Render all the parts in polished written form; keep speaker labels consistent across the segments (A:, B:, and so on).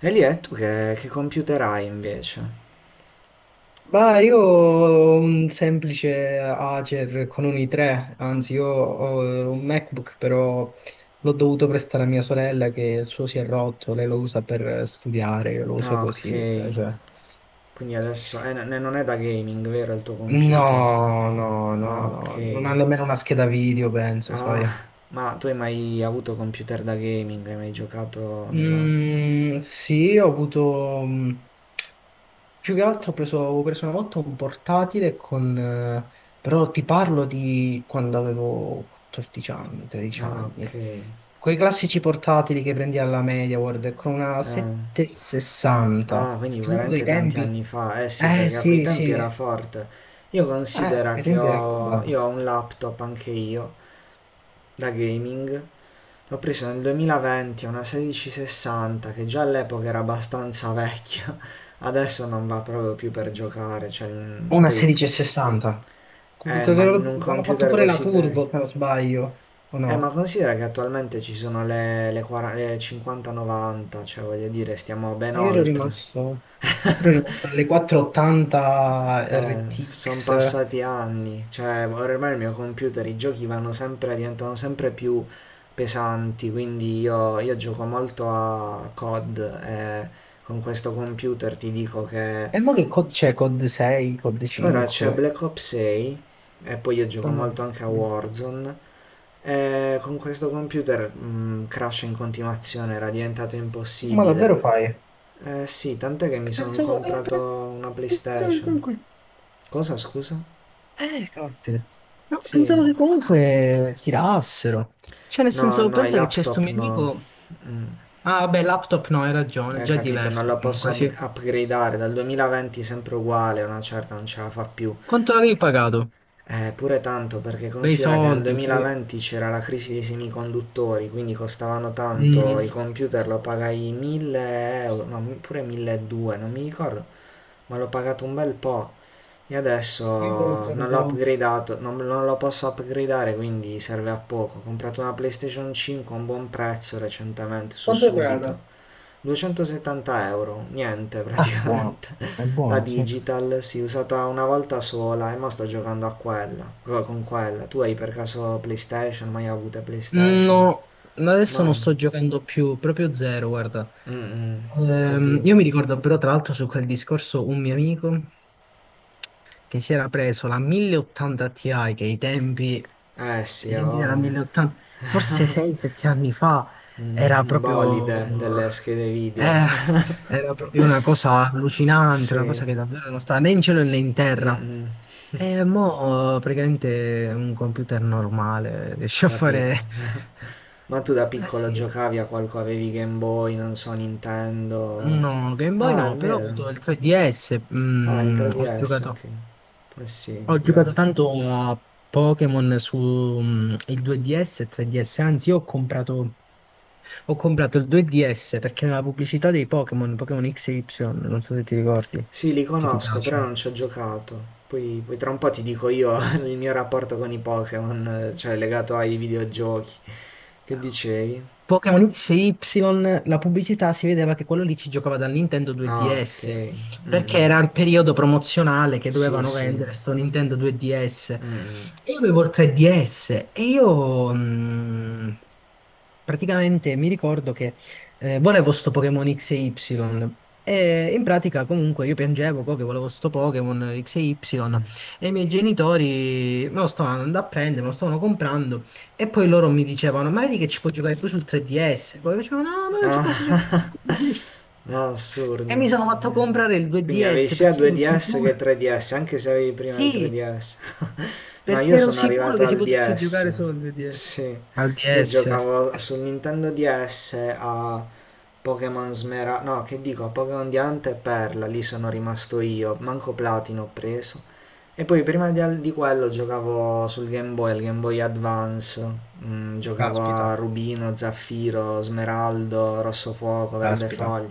A: E lì è tu che computer hai invece?
B: Ma io ho un semplice Acer con un i3. Anzi, io ho un MacBook, però l'ho dovuto prestare a mia sorella che il suo si è rotto. Lei lo usa per studiare, io lo uso
A: Ah, ok.
B: così per.
A: Quindi adesso non è da gaming, vero, il tuo computer?
B: No, no,
A: Ah,
B: no, no,
A: ok.
B: non ha nemmeno una scheda video, penso,
A: Ah,
B: sai.
A: ma tu hai mai avuto computer da gaming? Hai mai giocato online?
B: Mm, sì, ho avuto, più che altro avevo preso una volta un portatile con, però ti parlo di quando avevo 14 anni, 13
A: Ah, ok.
B: anni.
A: Eh,
B: Quei classici portatili che prendi alla MediaWorld con una
A: ah,
B: 760.
A: quindi
B: Comunque i
A: veramente tanti
B: tempi.
A: anni fa. Eh sì,
B: Eh
A: perché a quei
B: sì,
A: tempi
B: sì.
A: era forte. Io considero
B: Ai
A: che
B: tempi era roba.
A: ho, io ho un laptop anche io, da gaming. L'ho presa nel 2020, una 1660 che già all'epoca era abbastanza vecchia. Adesso non va proprio più per giocare, cioè
B: Una
A: poi
B: 1660. Che
A: ma in un
B: hanno fatto
A: computer
B: pure la
A: così
B: Turbo,
A: vecchio.
B: se non sbaglio, o
A: Ma
B: no?
A: considera che attualmente ci sono le 40, le 50-90, cioè voglio dire, stiamo ben
B: Ah, io ero
A: oltre.
B: rimasto, ero rimasto alle 480
A: Sono
B: RTX.
A: passati anni, cioè ormai il mio computer, i giochi vanno sempre, diventano sempre più pesanti, quindi io gioco molto a COD e con questo computer ti dico che
B: E mo che COD c'è? COD 6, COD
A: ora c'è
B: 5?
A: Black Ops 6 e poi io
B: No,
A: gioco
B: no.
A: molto anche a Warzone e con questo computer crash in continuazione, era diventato
B: Ma davvero
A: impossibile.
B: fai?
A: Eh sì, tant'è che mi sono
B: Pensavo, eh,
A: comprato una
B: pensavo che
A: PlayStation.
B: comunque.
A: Cosa scusa?
B: Caspita. No,
A: Sì.
B: pensavo che comunque tirassero. Cioè, nel
A: No,
B: senso,
A: no, i
B: pensa che c'è sto
A: laptop
B: mio
A: no.
B: amico.
A: Mm,
B: Ah, beh, laptop no, hai ragione,
A: Hai
B: già è
A: capito? Non
B: diverso
A: lo posso
B: comunque, sì.
A: upgradeare. Dal 2020 sempre uguale, una certa non ce la fa più.
B: Quanto l'avevi pagato?
A: Pure tanto perché
B: Bei
A: considera che nel
B: soldi, sì.
A: 2020 c'era la crisi dei semiconduttori, quindi costavano tanto,
B: Mm.
A: i computer lo pagai 1000 euro, no, pure 1200, non mi ricordo, ma l'ho pagato un bel po'. E
B: Io non
A: adesso non l'ho
B: ricordo.
A: upgradato, non lo posso upgradare, quindi serve a poco. Ho comprato una PlayStation 5 a un buon prezzo recentemente, su
B: Quanto è pagata?
A: Subito. 270 euro, niente
B: Ah,
A: praticamente.
B: buono, è
A: La
B: buono, sì.
A: digital si è usata una volta sola e mo sto giocando a quella, con quella. Tu hai per caso PlayStation? Mai avute PlayStation?
B: No, adesso non
A: Mai?
B: sto giocando più, proprio zero, guarda.
A: Mm-mm,
B: Io
A: capito.
B: mi ricordo però, tra l'altro, su quel discorso un mio amico che si era preso la 1080 Ti, che i tempi,
A: Eh sì,
B: i
A: ha
B: tempi della
A: voglia.
B: 1080, forse 6-7 anni fa,
A: Un,
B: era
A: un bolide delle
B: proprio,
A: schede video.
B: eh, era proprio una cosa allucinante, una
A: Sì,
B: cosa che davvero non sta né in cielo né in terra.
A: mm-mm,
B: E mo' praticamente un computer normale riesce a
A: capito.
B: fare.
A: Ma tu da
B: Eh
A: piccolo
B: sì,
A: giocavi a qualcosa, avevi Game Boy, non so, Nintendo.
B: no, Game Boy
A: Ah, è
B: no, però ho
A: vero.
B: avuto il 3DS,
A: Ah, il
B: ho
A: 3DS, ok.
B: giocato.
A: Eh sì,
B: Ho
A: io...
B: giocato tanto a Pokémon il 2DS e 3DS. Anzi, io ho comprato il 2DS perché nella pubblicità Pokémon X e Y, non so se ti ricordi,
A: Sì, li
B: se ti
A: conosco, però
B: piacciono.
A: non ci ho giocato. Poi tra un po' ti dico io il mio rapporto con i Pokémon, cioè legato ai videogiochi. Che dicevi?
B: Pokémon XY, la pubblicità si vedeva che quello lì ci giocava dal Nintendo
A: Ah, ok.
B: 2DS, perché
A: Mm.
B: era il periodo promozionale che
A: Sì,
B: dovevano
A: sì.
B: vendere sto Nintendo 2DS.
A: Mm.
B: E io avevo il 3DS e io praticamente mi ricordo che volevo sto Pokémon XY. E Y. E in pratica comunque io piangevo co che volevo sto Pokémon XY e Y, e i miei genitori me lo stavano andando a prendere, me lo stavano comprando. E poi loro mi dicevano, ma vedi che ci puoi giocare tu sul 3DS? Poi io dicevo, no, no, non ci posso giocare
A: Ah,
B: sul 3DS.
A: no,
B: E
A: assurdo.
B: mi sono fatto comprare il
A: Quindi avevi
B: 2DS
A: sia
B: perché ero
A: 2DS
B: sicuro.
A: che 3DS, anche se avevi prima il
B: Sì,
A: 3DS. No,
B: perché
A: io
B: ero
A: sono
B: sicuro
A: arrivato
B: che si
A: al
B: potesse giocare
A: DS.
B: solo al 2DS.
A: Sì,
B: Al
A: io
B: DS.
A: giocavo sul Nintendo DS a Pokémon no, che dico, Pokémon Diamante e Perla, lì sono rimasto io, manco Platino ho preso. E poi prima di quello giocavo sul Game Boy, al Game Boy Advance, giocavo a
B: Caspita,
A: Rubino, Zaffiro, Smeraldo, Rosso Fuoco, Verde
B: caspita.
A: Foglia.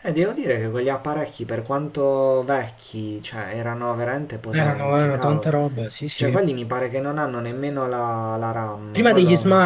A: E devo dire che quegli apparecchi, per quanto vecchi, cioè, erano veramente
B: Erano,
A: potenti,
B: erano tante
A: cavolo.
B: robe, sì,
A: Cioè,
B: sì.
A: quelli mi pare che non hanno nemmeno la RAM,
B: Prima degli
A: quello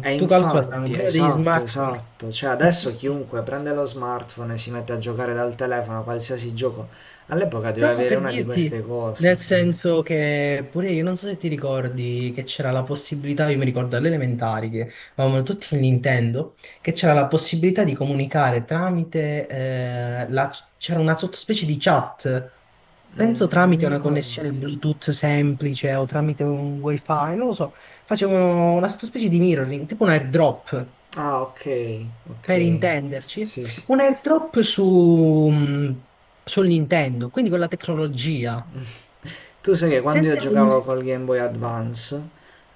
A: e
B: tu calcola, erano
A: infatti,
B: prima degli
A: esatto,
B: smartphone.
A: esatto. Cioè, adesso chiunque prende lo smartphone e si mette a giocare dal telefono a qualsiasi gioco. All'epoca
B: No,
A: doveva
B: no,
A: avere
B: per
A: una di
B: dirti,
A: queste
B: nel
A: cose.
B: senso che pure io, non so se ti ricordi che c'era la possibilità, io mi ricordo alle elementari che avevamo tutti il Nintendo, che c'era la possibilità di comunicare tramite, c'era una sottospecie di chat, penso
A: Non mi
B: tramite una
A: ricordo.
B: connessione Bluetooth semplice o tramite un wifi, non lo so, facevano una sottospecie di mirroring, tipo un airdrop,
A: Ah, ok,
B: per
A: ok.
B: intenderci,
A: Sì, sì.
B: un airdrop sul Nintendo, quindi con la tecnologia.
A: Tu sai che quando io
B: Senza
A: giocavo
B: punti.
A: col Game Boy Advance,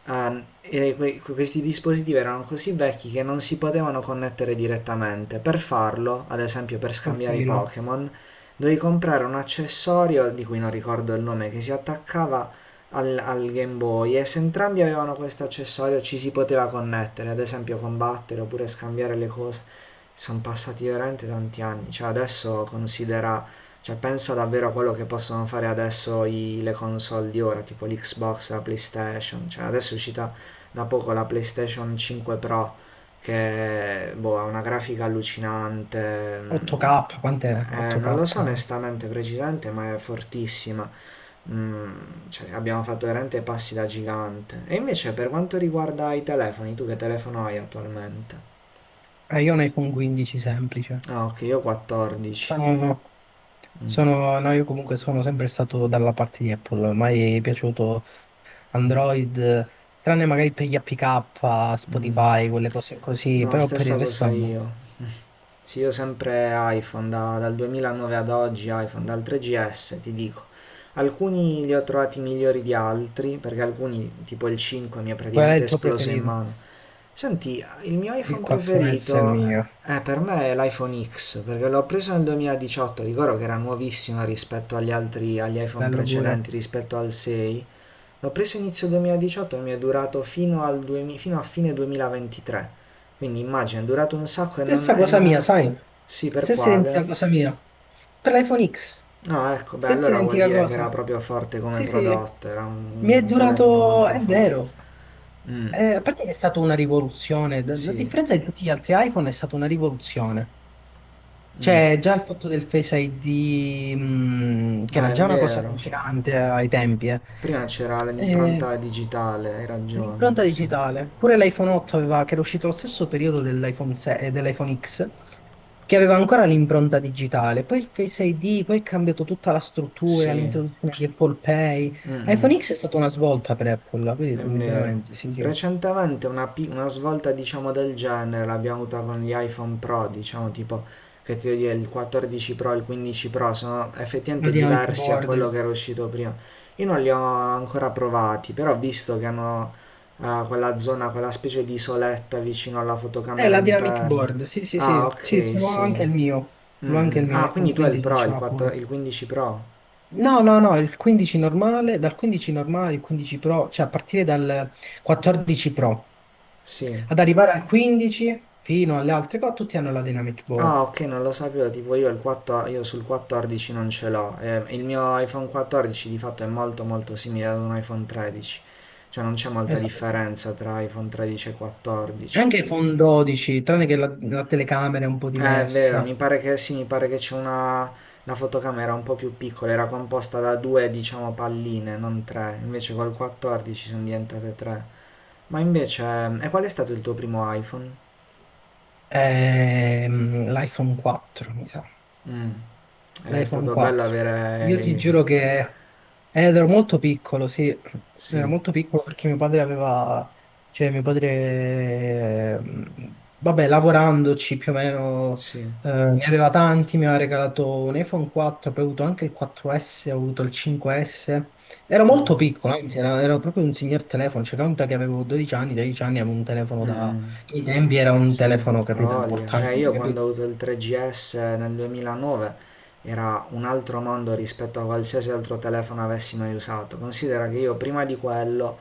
A: e questi dispositivi erano così vecchi che non si potevano connettere direttamente. Per farlo, ad esempio per
B: Col
A: scambiare i
B: filo.
A: Pokémon, dovevi comprare un accessorio di cui non ricordo il nome, che si attaccava al Game Boy e se entrambi avevano questo accessorio ci si poteva connettere, ad esempio combattere oppure scambiare le cose. Sono passati veramente tanti anni, cioè adesso considera, cioè pensa davvero a quello che possono fare adesso le console di ora, tipo l'Xbox, la PlayStation, cioè adesso è uscita da poco la PlayStation 5 Pro che boh, ha una grafica allucinante,
B: 8K, quant'è?
A: non lo so
B: 8K.
A: onestamente precisamente, ma è fortissima. Mm, cioè, abbiamo fatto veramente passi da gigante. E invece per quanto riguarda i telefoni, tu che telefono hai attualmente?
B: Io ne con 15 semplice.
A: Ah, ok, io ho 14.
B: Sono, no, io comunque sono sempre stato dalla parte di Apple, mai è piaciuto Android, tranne magari per gli APK,
A: Mm.
B: Spotify, quelle cose così,
A: No,
B: però per il
A: stessa cosa
B: resto no.
A: io. Sì, io sempre iPhone, dal 2009 ad oggi iPhone, dal 3GS ti dico. Alcuni li ho trovati migliori di altri, perché alcuni, tipo il 5, mi è
B: Qual è
A: praticamente
B: il tuo
A: esploso in
B: preferito?
A: mano. Senti, il mio
B: Il
A: iPhone
B: 4S è il
A: preferito
B: mio.
A: è per me è l'iPhone X, perché l'ho preso nel 2018, ricordo che era nuovissimo rispetto agli altri, agli iPhone
B: Bello pure.
A: precedenti, rispetto al 6. L'ho preso inizio 2018 e mi è durato fino, al 2000 fino a fine 2023. Quindi immagina, è durato un sacco e non,
B: Stessa
A: e
B: cosa
A: non
B: mia,
A: ave-
B: sai?
A: Sì, per
B: Stessa identica
A: quale?
B: cosa mia. Per l'iPhone X.
A: No, ecco, beh,
B: Stessa
A: allora vuol
B: identica
A: dire che
B: cosa.
A: era proprio forte come
B: Sì, sì.
A: prodotto, era
B: Mi è
A: un telefono
B: durato.
A: molto
B: È
A: forte.
B: vero.
A: Mm,
B: A parte che è stata una rivoluzione, a
A: sì.
B: differenza di tutti gli altri iPhone è stata una rivoluzione.
A: Mm.
B: Cioè, già il fatto del Face ID, che
A: Ah,
B: era
A: è
B: già una cosa
A: vero.
B: allucinante ai tempi, eh.
A: Prima c'era l'impronta
B: Eh,
A: digitale, hai ragione,
B: L'impronta
A: sì.
B: digitale. Pure l'iPhone 8 aveva, che era uscito allo stesso periodo dell'iPhone 6 e dell'iPhone X, che aveva ancora l'impronta digitale. Poi il Face ID, poi è cambiato tutta la struttura,
A: Sì.
B: l'introduzione di Apple Pay.
A: Mm, mm.
B: iPhone X è stata una svolta per Apple,
A: È
B: vedi,
A: vero.
B: veramente, sì, sì.
A: Recentemente una svolta, diciamo, del genere l'abbiamo avuta con gli iPhone Pro, diciamo, tipo, che ti devo dire, il 14 Pro e il 15 Pro sono
B: La
A: effettivamente
B: Dynamic
A: diversi a quello che
B: Board.
A: era uscito prima. Io non li ho ancora provati, però ho visto che hanno quella zona, quella specie di isoletta vicino alla fotocamera
B: La Dynamic
A: interna.
B: Board, sì, sì,
A: Ah,
B: sì. Sì, ce
A: ok,
B: l'ho
A: sì.
B: anche il mio.
A: Mm,
B: L'ho anche
A: mm.
B: il mio,
A: Ah, quindi
B: l'iPhone
A: tu hai il
B: 15
A: Pro,
B: ce
A: il,
B: l'ha
A: 4
B: pure.
A: il 15 Pro?
B: No, no, no, il 15 normale, dal 15 normale, il 15 Pro, cioè a partire dal 14 Pro
A: Sì.
B: ad arrivare al 15 fino alle altre cose, tutti hanno la Dynamic
A: Ah,
B: Board.
A: ok, non lo sapevo, tipo io, il 4 io sul 14 non ce l'ho. Il mio iPhone 14 di fatto è molto molto simile ad un iPhone 13, cioè non c'è molta
B: Esatto.
A: differenza tra iPhone 13 e 14.
B: Anche iPhone 12, tranne che la telecamera è un po'
A: È vero,
B: diversa.
A: mi pare che sì, mi pare che c'è una... la fotocamera un po' più piccola, era composta da due, diciamo, palline, non tre, invece col 14 sono diventate tre. Ma invece, e qual è stato il tuo primo iPhone?
B: L'iPhone 4, mi sa.
A: Mm, È
B: L'iPhone
A: stato bello
B: 4.
A: avere...
B: Io ti
A: eh,
B: giuro che, ed ero molto piccolo, sì, ero
A: Sì,
B: molto piccolo perché mio padre aveva, cioè mio padre, eh, vabbè, lavorandoci più o meno,
A: sì.
B: ne aveva tanti, mi aveva regalato un iPhone 4, poi ho avuto anche il 4S, ho avuto il 5S. Ero molto
A: Mm.
B: piccolo. Anzi, ero proprio un signor telefono, cioè conta che avevo 12 anni, 13 anni, avevo un
A: Mm,
B: telefono da.
A: mm,
B: I tempi era un
A: sì,
B: telefono,
A: ha
B: capito,
A: voglia.
B: importante,
A: Io quando ho
B: capito?
A: avuto il 3GS nel 2009 era un altro mondo rispetto a qualsiasi altro telefono avessi mai usato. Considera che io prima di quello,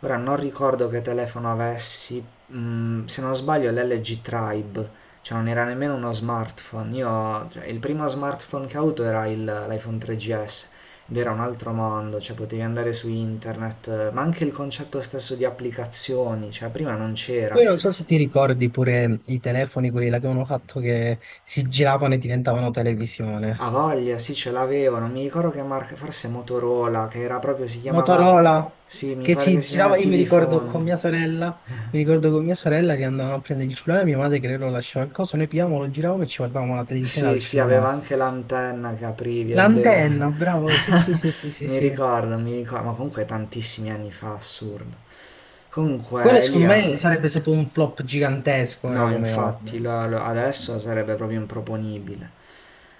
A: ora non ricordo che telefono avessi, se non sbaglio l'LG Tribe, cioè non era nemmeno uno smartphone. Io, cioè, il primo smartphone che ho avuto era l'iPhone 3GS. Ed era un altro mondo, cioè potevi andare su internet, ma anche il concetto stesso di applicazioni, cioè prima non
B: Poi
A: c'era.
B: non so se ti ricordi pure i telefoni, quelli là che avevano fatto che si giravano e diventavano
A: Ha
B: televisione.
A: voglia, sì, ce l'avevo, non mi ricordo che marca, forse Motorola, che era proprio, si chiamava,
B: Motorola,
A: sì, mi
B: che
A: pare che
B: si
A: si
B: girava,
A: chiamava
B: io mi
A: TV
B: ricordo con
A: Phone.
B: mia sorella, che andavamo a prendere il cellulare, mia madre che lo lasciava, il coso, noi pigliavamo, lo giravamo e ci guardavamo la televisione
A: Sì,
B: al
A: sì, aveva
B: cellulare.
A: anche l'antenna che aprivi, è vero.
B: L'antenna, bravo, sì, sì, sì, sì, sì, sì.
A: Mi ricordo, ma comunque tantissimi anni fa, assurdo. Comunque,
B: Quello secondo
A: Elia,
B: me sarebbe stato un flop gigantesco ora
A: no,
B: come ora.
A: infatti, adesso sarebbe proprio improponibile.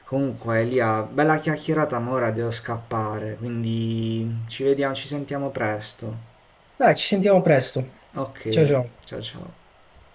A: Comunque, Elia, bella chiacchierata, ma ora devo scappare, quindi ci vediamo, ci sentiamo presto.
B: Dai, ci sentiamo presto.
A: Ok,
B: Ciao ciao.
A: ciao ciao.